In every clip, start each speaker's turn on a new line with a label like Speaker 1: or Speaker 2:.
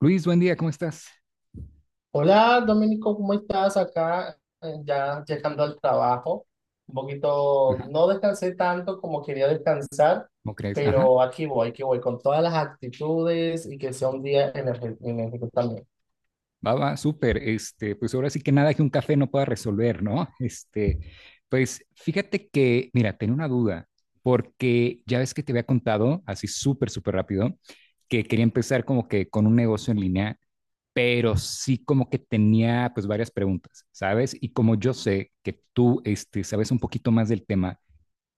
Speaker 1: Luis, buen día, ¿cómo estás?
Speaker 2: Hola, Domenico, ¿cómo estás acá? Ya llegando al trabajo. Un poquito,
Speaker 1: Ajá.
Speaker 2: no descansé tanto como quería descansar,
Speaker 1: ¿Cómo crees? Ajá.
Speaker 2: pero aquí voy con todas las actitudes y que sea un día energético también.
Speaker 1: Va, va, súper. Pues ahora sí que nada que un café no pueda resolver, ¿no? Pues fíjate que, mira, tenía una duda, porque ya ves que te había contado, así súper, súper rápido, que quería empezar como que con un negocio en línea, pero sí como que tenía pues varias preguntas, ¿sabes? Y como yo sé que tú, sabes un poquito más del tema.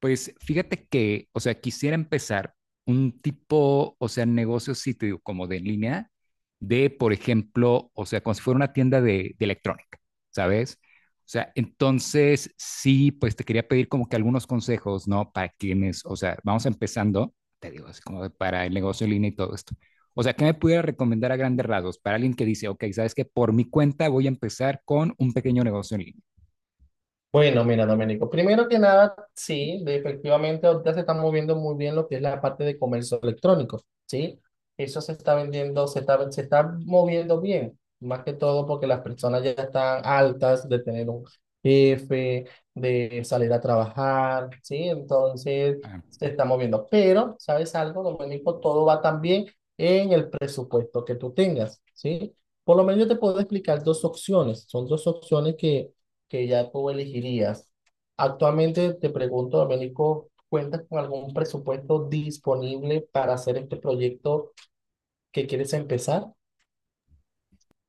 Speaker 1: Pues fíjate que, o sea, quisiera empezar un tipo, o sea, negocio sitio como de en línea, de, por ejemplo, o sea, como si fuera una tienda de electrónica, ¿sabes? O sea, entonces sí, pues te quería pedir como que algunos consejos, ¿no? Para quienes, o sea, vamos empezando, te digo, así como de para el negocio en línea y todo esto. O sea, ¿qué me pudiera recomendar a grandes rasgos para alguien que dice, ok, sabes que por mi cuenta voy a empezar con un pequeño negocio en línea?
Speaker 2: Bueno, mira, Domenico, primero que nada, sí, efectivamente ahorita se está moviendo muy bien lo que es la parte de comercio electrónico, ¿sí? Eso se está vendiendo, se está moviendo bien, más que todo porque las personas ya están altas de tener un jefe, de salir a trabajar, ¿sí? Entonces se está moviendo. Pero, ¿sabes algo, Domenico? Todo va también en el presupuesto que tú tengas, ¿sí? Por lo menos yo te puedo explicar dos opciones, son dos opciones que ya tú elegirías. Actualmente te pregunto, Domenico, ¿cuentas con algún presupuesto disponible para hacer este proyecto que quieres empezar?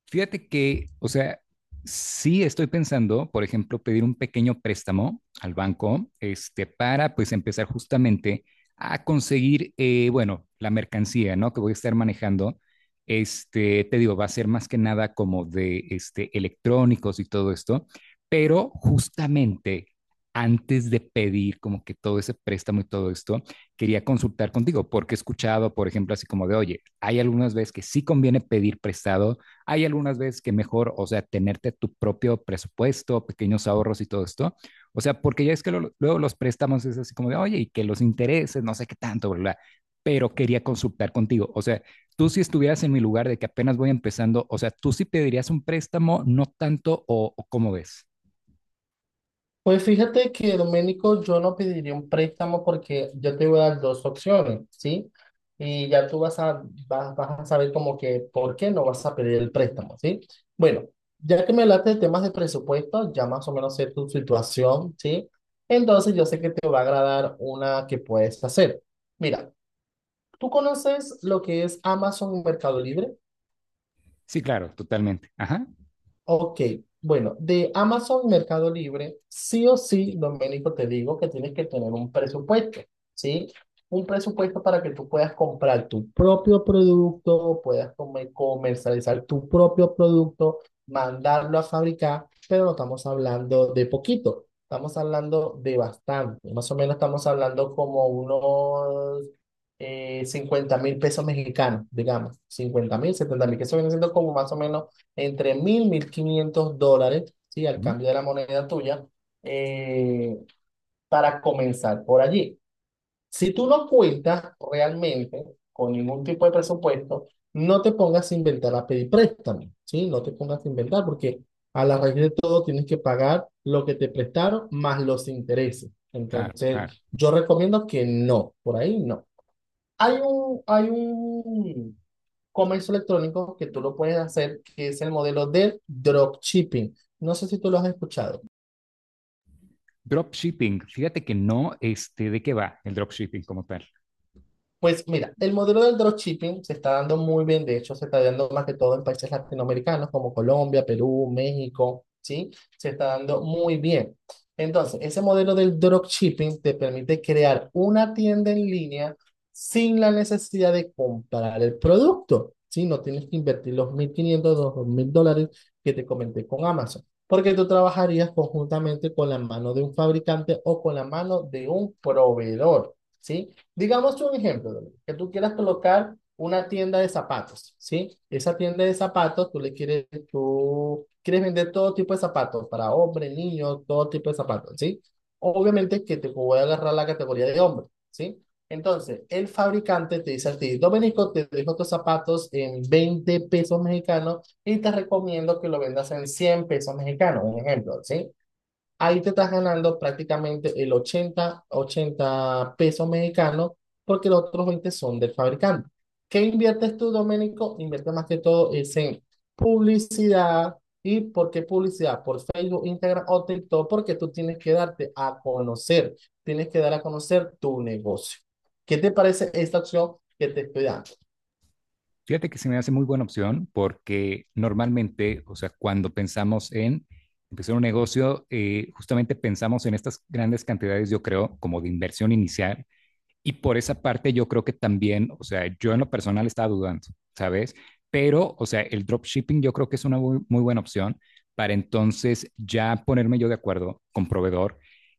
Speaker 1: Fíjate que, o sea, sí estoy pensando, por ejemplo, pedir un pequeño préstamo al banco, para pues empezar justamente a conseguir, bueno, la mercancía, ¿no? Que voy a estar manejando. Te digo, va a ser más que nada como de electrónicos y todo esto, pero justamente antes de pedir como que todo ese préstamo y todo esto, quería consultar contigo, porque he escuchado, por ejemplo, así como de, oye, hay algunas veces que sí conviene pedir prestado, hay algunas veces que mejor, o sea, tenerte tu propio presupuesto, pequeños ahorros y todo esto. O sea, porque ya es que luego los préstamos es así como de, oye, y que los intereses, no sé qué tanto, bla, bla. Pero quería consultar contigo. O sea, tú si estuvieras en mi lugar de que apenas voy empezando, o sea, tú sí pedirías un préstamo, no tanto, o cómo ves.
Speaker 2: Pues fíjate que, Domenico, yo no pediría un préstamo porque yo te voy a dar dos opciones, ¿sí? Y ya tú vas a saber como que por qué no vas a pedir el préstamo, ¿sí? Bueno, ya que me hablaste de temas de presupuesto, ya más o menos sé tu situación, ¿sí? Entonces yo sé que te va a agradar una que puedes hacer. Mira, ¿tú conoces lo que es Amazon y Mercado Libre?
Speaker 1: Sí, claro, totalmente. Ajá.
Speaker 2: Ok, bueno, de Amazon Mercado Libre, sí o sí, Doménico, te digo que tienes que tener un presupuesto, ¿sí? Un presupuesto para que tú puedas comprar tu propio producto, puedas comercializar tu propio producto, mandarlo a fabricar, pero no estamos hablando de poquito, estamos hablando de bastante, más o menos estamos hablando como unos 50 mil pesos mexicanos, digamos, 50,000, 70,000, que eso viene siendo como más o menos entre 1000, 1500 dólares, ¿sí? Al
Speaker 1: Ujú.
Speaker 2: cambio de la moneda tuya, eh, para comenzar por allí. Si tú no cuentas realmente con ningún tipo de presupuesto, no te pongas a inventar a pedir préstamo, ¿sí? No te pongas a inventar porque a la raíz de todo tienes que pagar lo que te prestaron más los intereses.
Speaker 1: Claro, claro.
Speaker 2: Entonces, yo recomiendo que no, por ahí no. Hay un comercio electrónico que tú lo puedes hacer, que es el modelo del dropshipping. No sé si tú lo has escuchado.
Speaker 1: Dropshipping, fíjate que no, ¿de qué va el dropshipping como tal?
Speaker 2: Pues mira, el modelo del dropshipping se está dando muy bien, de hecho se está dando más que todo en países latinoamericanos como Colombia, Perú, México, ¿sí? Se está dando muy bien. Entonces, ese modelo del dropshipping te permite crear una tienda en línea sin la necesidad de comprar el producto, ¿sí? No tienes que invertir los 1500 2000 dólares que te comenté con Amazon, porque tú trabajarías conjuntamente con la mano de un fabricante o con la mano de un proveedor. ¿Sí? Digamos un ejemplo, que tú quieras colocar una tienda de zapatos, ¿sí? Esa tienda de zapatos, tú quieres vender todo tipo de zapatos, para hombres, niños, todo tipo de zapatos, ¿sí? Obviamente que te voy a agarrar la categoría de hombre, ¿sí? Entonces, el fabricante te dice a ti, Domenico, te dejo tus zapatos en 20 pesos mexicanos y te recomiendo que lo vendas en 100 pesos mexicanos, un ejemplo, ¿sí? Ahí te estás ganando prácticamente el ochenta pesos mexicanos porque los otros 20 son del fabricante. ¿Qué inviertes tú, Doménico? Inviertes más que todo es en publicidad. ¿Y por qué publicidad? Por Facebook, Instagram o TikTok, porque tú tienes que darte a conocer, tienes que dar a conocer tu negocio. ¿Qué te parece esta opción que te estoy dando?
Speaker 1: Fíjate que se me hace muy buena opción porque normalmente, o sea, cuando pensamos en empezar un negocio, justamente pensamos en estas grandes cantidades, yo creo, como de inversión inicial. Y por esa parte yo creo que también, o sea, yo en lo personal estaba dudando, ¿sabes? Pero, o sea, el dropshipping yo creo que es una muy, muy buena opción para entonces ya ponerme yo de acuerdo con proveedor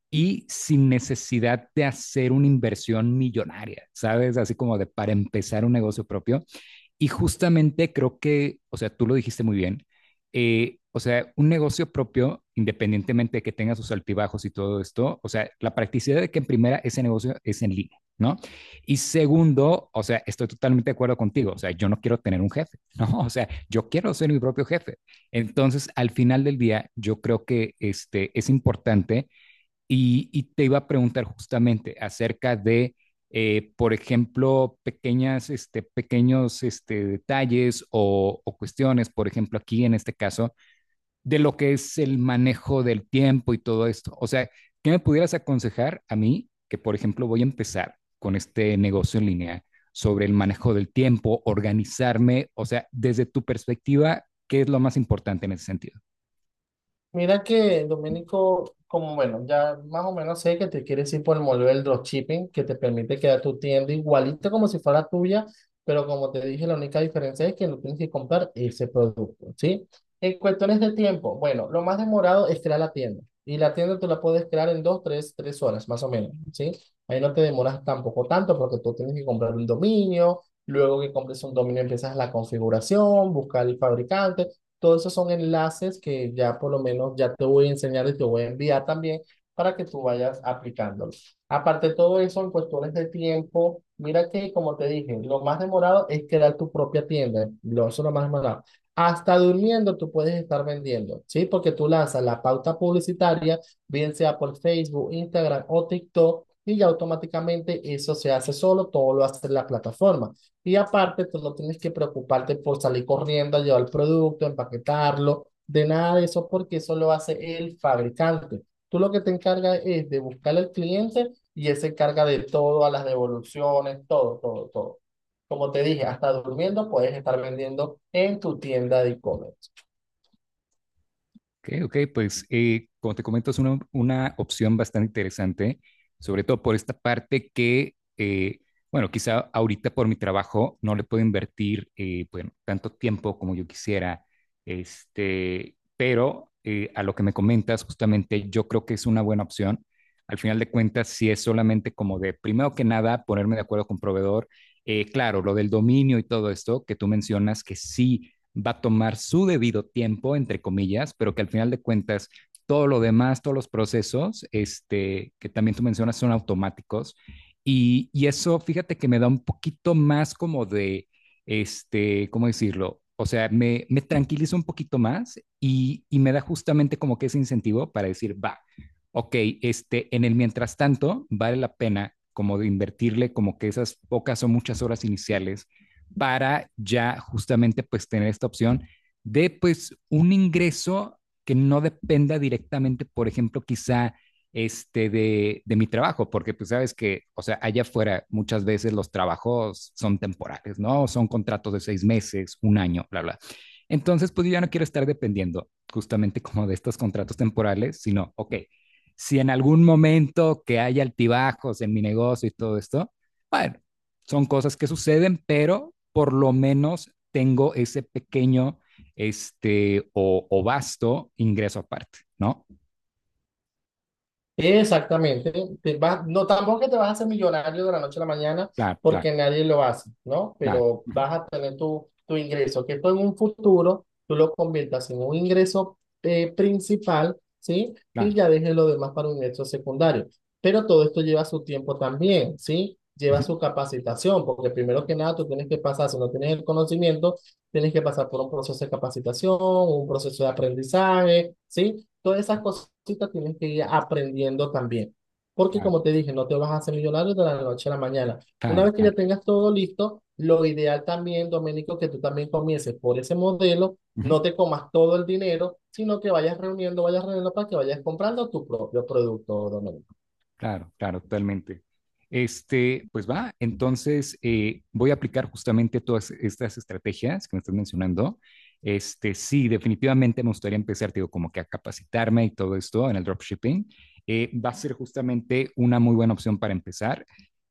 Speaker 1: y sin necesidad de hacer una inversión millonaria, ¿sabes? Así como de para empezar un negocio propio y justamente creo que, o sea, tú lo dijiste muy bien, o sea, un negocio propio, independientemente de que tenga sus altibajos y todo esto, o sea, la practicidad de que en primera ese negocio es en línea, ¿no? Y segundo, o sea, estoy totalmente de acuerdo contigo, o sea, yo no quiero tener un jefe, ¿no? O sea, yo quiero ser mi propio jefe. Entonces, al final del día, yo creo que es importante y te iba a preguntar justamente acerca de, por ejemplo, pequeños detalles o cuestiones, por ejemplo, aquí en este caso, de lo que es el manejo del tiempo y todo esto. O sea, ¿qué me pudieras aconsejar a mí que, por ejemplo, voy a empezar con este negocio en línea sobre el manejo del tiempo, organizarme? O sea, desde tu perspectiva, ¿qué es lo más importante en ese sentido?
Speaker 2: Mira que, Domenico, como bueno, ya más o menos sé que te quieres ir por el modelo del dropshipping, que te permite crear tu tienda igualito como si fuera tuya, pero como te dije, la única diferencia es que no tienes que comprar ese producto, ¿sí? En cuestiones de tiempo, bueno, lo más demorado es crear la tienda. Y la tienda tú la puedes crear en dos, tres, horas, más o menos, ¿sí? Ahí no te demoras tampoco tanto porque tú tienes que comprar un dominio, luego que compres un dominio empiezas la configuración, buscar el fabricante. Todos esos son enlaces que ya por lo menos ya te voy a enseñar y te voy a enviar también para que tú vayas aplicándolo. Aparte de todo eso, en cuestiones de tiempo, mira que como te dije, lo más demorado es crear tu propia tienda. Eso es lo más demorado. Hasta durmiendo tú puedes estar vendiendo, ¿sí? Porque tú lanzas la pauta publicitaria, bien sea por Facebook, Instagram o TikTok, y ya automáticamente eso se hace solo, todo lo hace la plataforma. Y aparte, tú no tienes que preocuparte por salir corriendo a llevar el producto, empaquetarlo, de nada de eso, porque eso lo hace el fabricante. Tú lo que te encargas es de buscar al cliente y él se encarga de todo, a las devoluciones, todo, todo, todo. Como te dije, hasta durmiendo puedes estar vendiendo en tu tienda de e-commerce.
Speaker 1: Ok, ok, pues como te comento, es una opción bastante interesante, sobre todo por esta parte que, bueno, quizá ahorita por mi trabajo no le puedo invertir bueno, tanto tiempo como yo quisiera, pero a lo que me comentas, justamente yo creo que es una buena opción. Al final de cuentas, si es solamente como de, primero que nada, ponerme de acuerdo con proveedor, claro, lo del dominio y todo esto que tú mencionas, que sí va a tomar su debido tiempo, entre comillas, pero que al final de cuentas todo lo demás, todos los procesos que también tú mencionas son automáticos. Y eso, fíjate que me da un poquito más como de, ¿cómo decirlo? O sea, me tranquiliza un poquito más y me da justamente como que ese incentivo para decir, va, ok, en el mientras tanto, vale la pena como de invertirle como que esas pocas o muchas horas iniciales para ya justamente pues tener esta opción de pues un ingreso que no dependa directamente, por ejemplo, quizá de mi trabajo, porque pues sabes que, o sea, allá afuera muchas veces los trabajos son temporales, ¿no? Son contratos de 6 meses, un año, bla, bla. Entonces, pues yo ya no quiero estar dependiendo justamente como de estos contratos temporales, sino, ok, si en algún momento que haya altibajos en mi negocio y todo esto, bueno, son cosas que suceden, pero por lo menos tengo ese pequeño o vasto ingreso aparte, ¿no?
Speaker 2: Exactamente. No, tampoco que te vas a hacer millonario de la noche a la mañana
Speaker 1: Claro, claro,
Speaker 2: porque nadie lo hace, ¿no?
Speaker 1: claro,
Speaker 2: Pero vas a tener tu ingreso, que esto en un futuro tú lo conviertas en un ingreso principal, ¿sí? Y
Speaker 1: claro.
Speaker 2: ya dejes lo demás para un ingreso secundario. Pero todo esto lleva su tiempo también, ¿sí? Lleva
Speaker 1: Ujú.
Speaker 2: su capacitación, porque primero que nada tú tienes que pasar, si no tienes el conocimiento, tienes que pasar por un proceso de capacitación, un proceso de aprendizaje, ¿sí? Todas esas cositas tienes que ir aprendiendo también. Porque
Speaker 1: Claro,
Speaker 2: como te dije, no te vas a hacer millonario de la noche a la mañana. Una
Speaker 1: claro,
Speaker 2: vez que ya
Speaker 1: claro.
Speaker 2: tengas todo listo, lo ideal también, Doménico, que tú también comiences por ese modelo,
Speaker 1: Ujú.
Speaker 2: no te comas todo el dinero, sino que vayas reuniendo para que vayas comprando tu propio producto, Doménico.
Speaker 1: Claro, claro, totalmente. Pues va, entonces voy a aplicar justamente todas estas estrategias que me estás mencionando. Sí, definitivamente me gustaría empezar, digo, como que a capacitarme y todo esto en el dropshipping. Va a ser justamente una muy buena opción para empezar.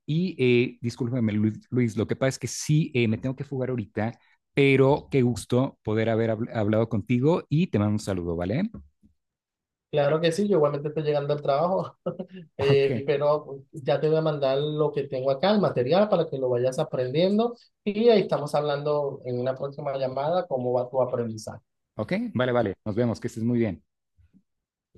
Speaker 1: Y discúlpame, Luis, lo que pasa es que sí, me tengo que fugar ahorita, pero qué gusto poder haber hablado contigo y te mando un saludo, ¿vale?
Speaker 2: Claro que sí, yo igualmente estoy llegando al trabajo, pero ya te voy a mandar lo que tengo acá, el material, para que lo vayas aprendiendo y ahí estamos hablando en una próxima llamada cómo va tu aprendizaje.
Speaker 1: Ok, ok, vale, vale, nos vemos, que estés muy bien.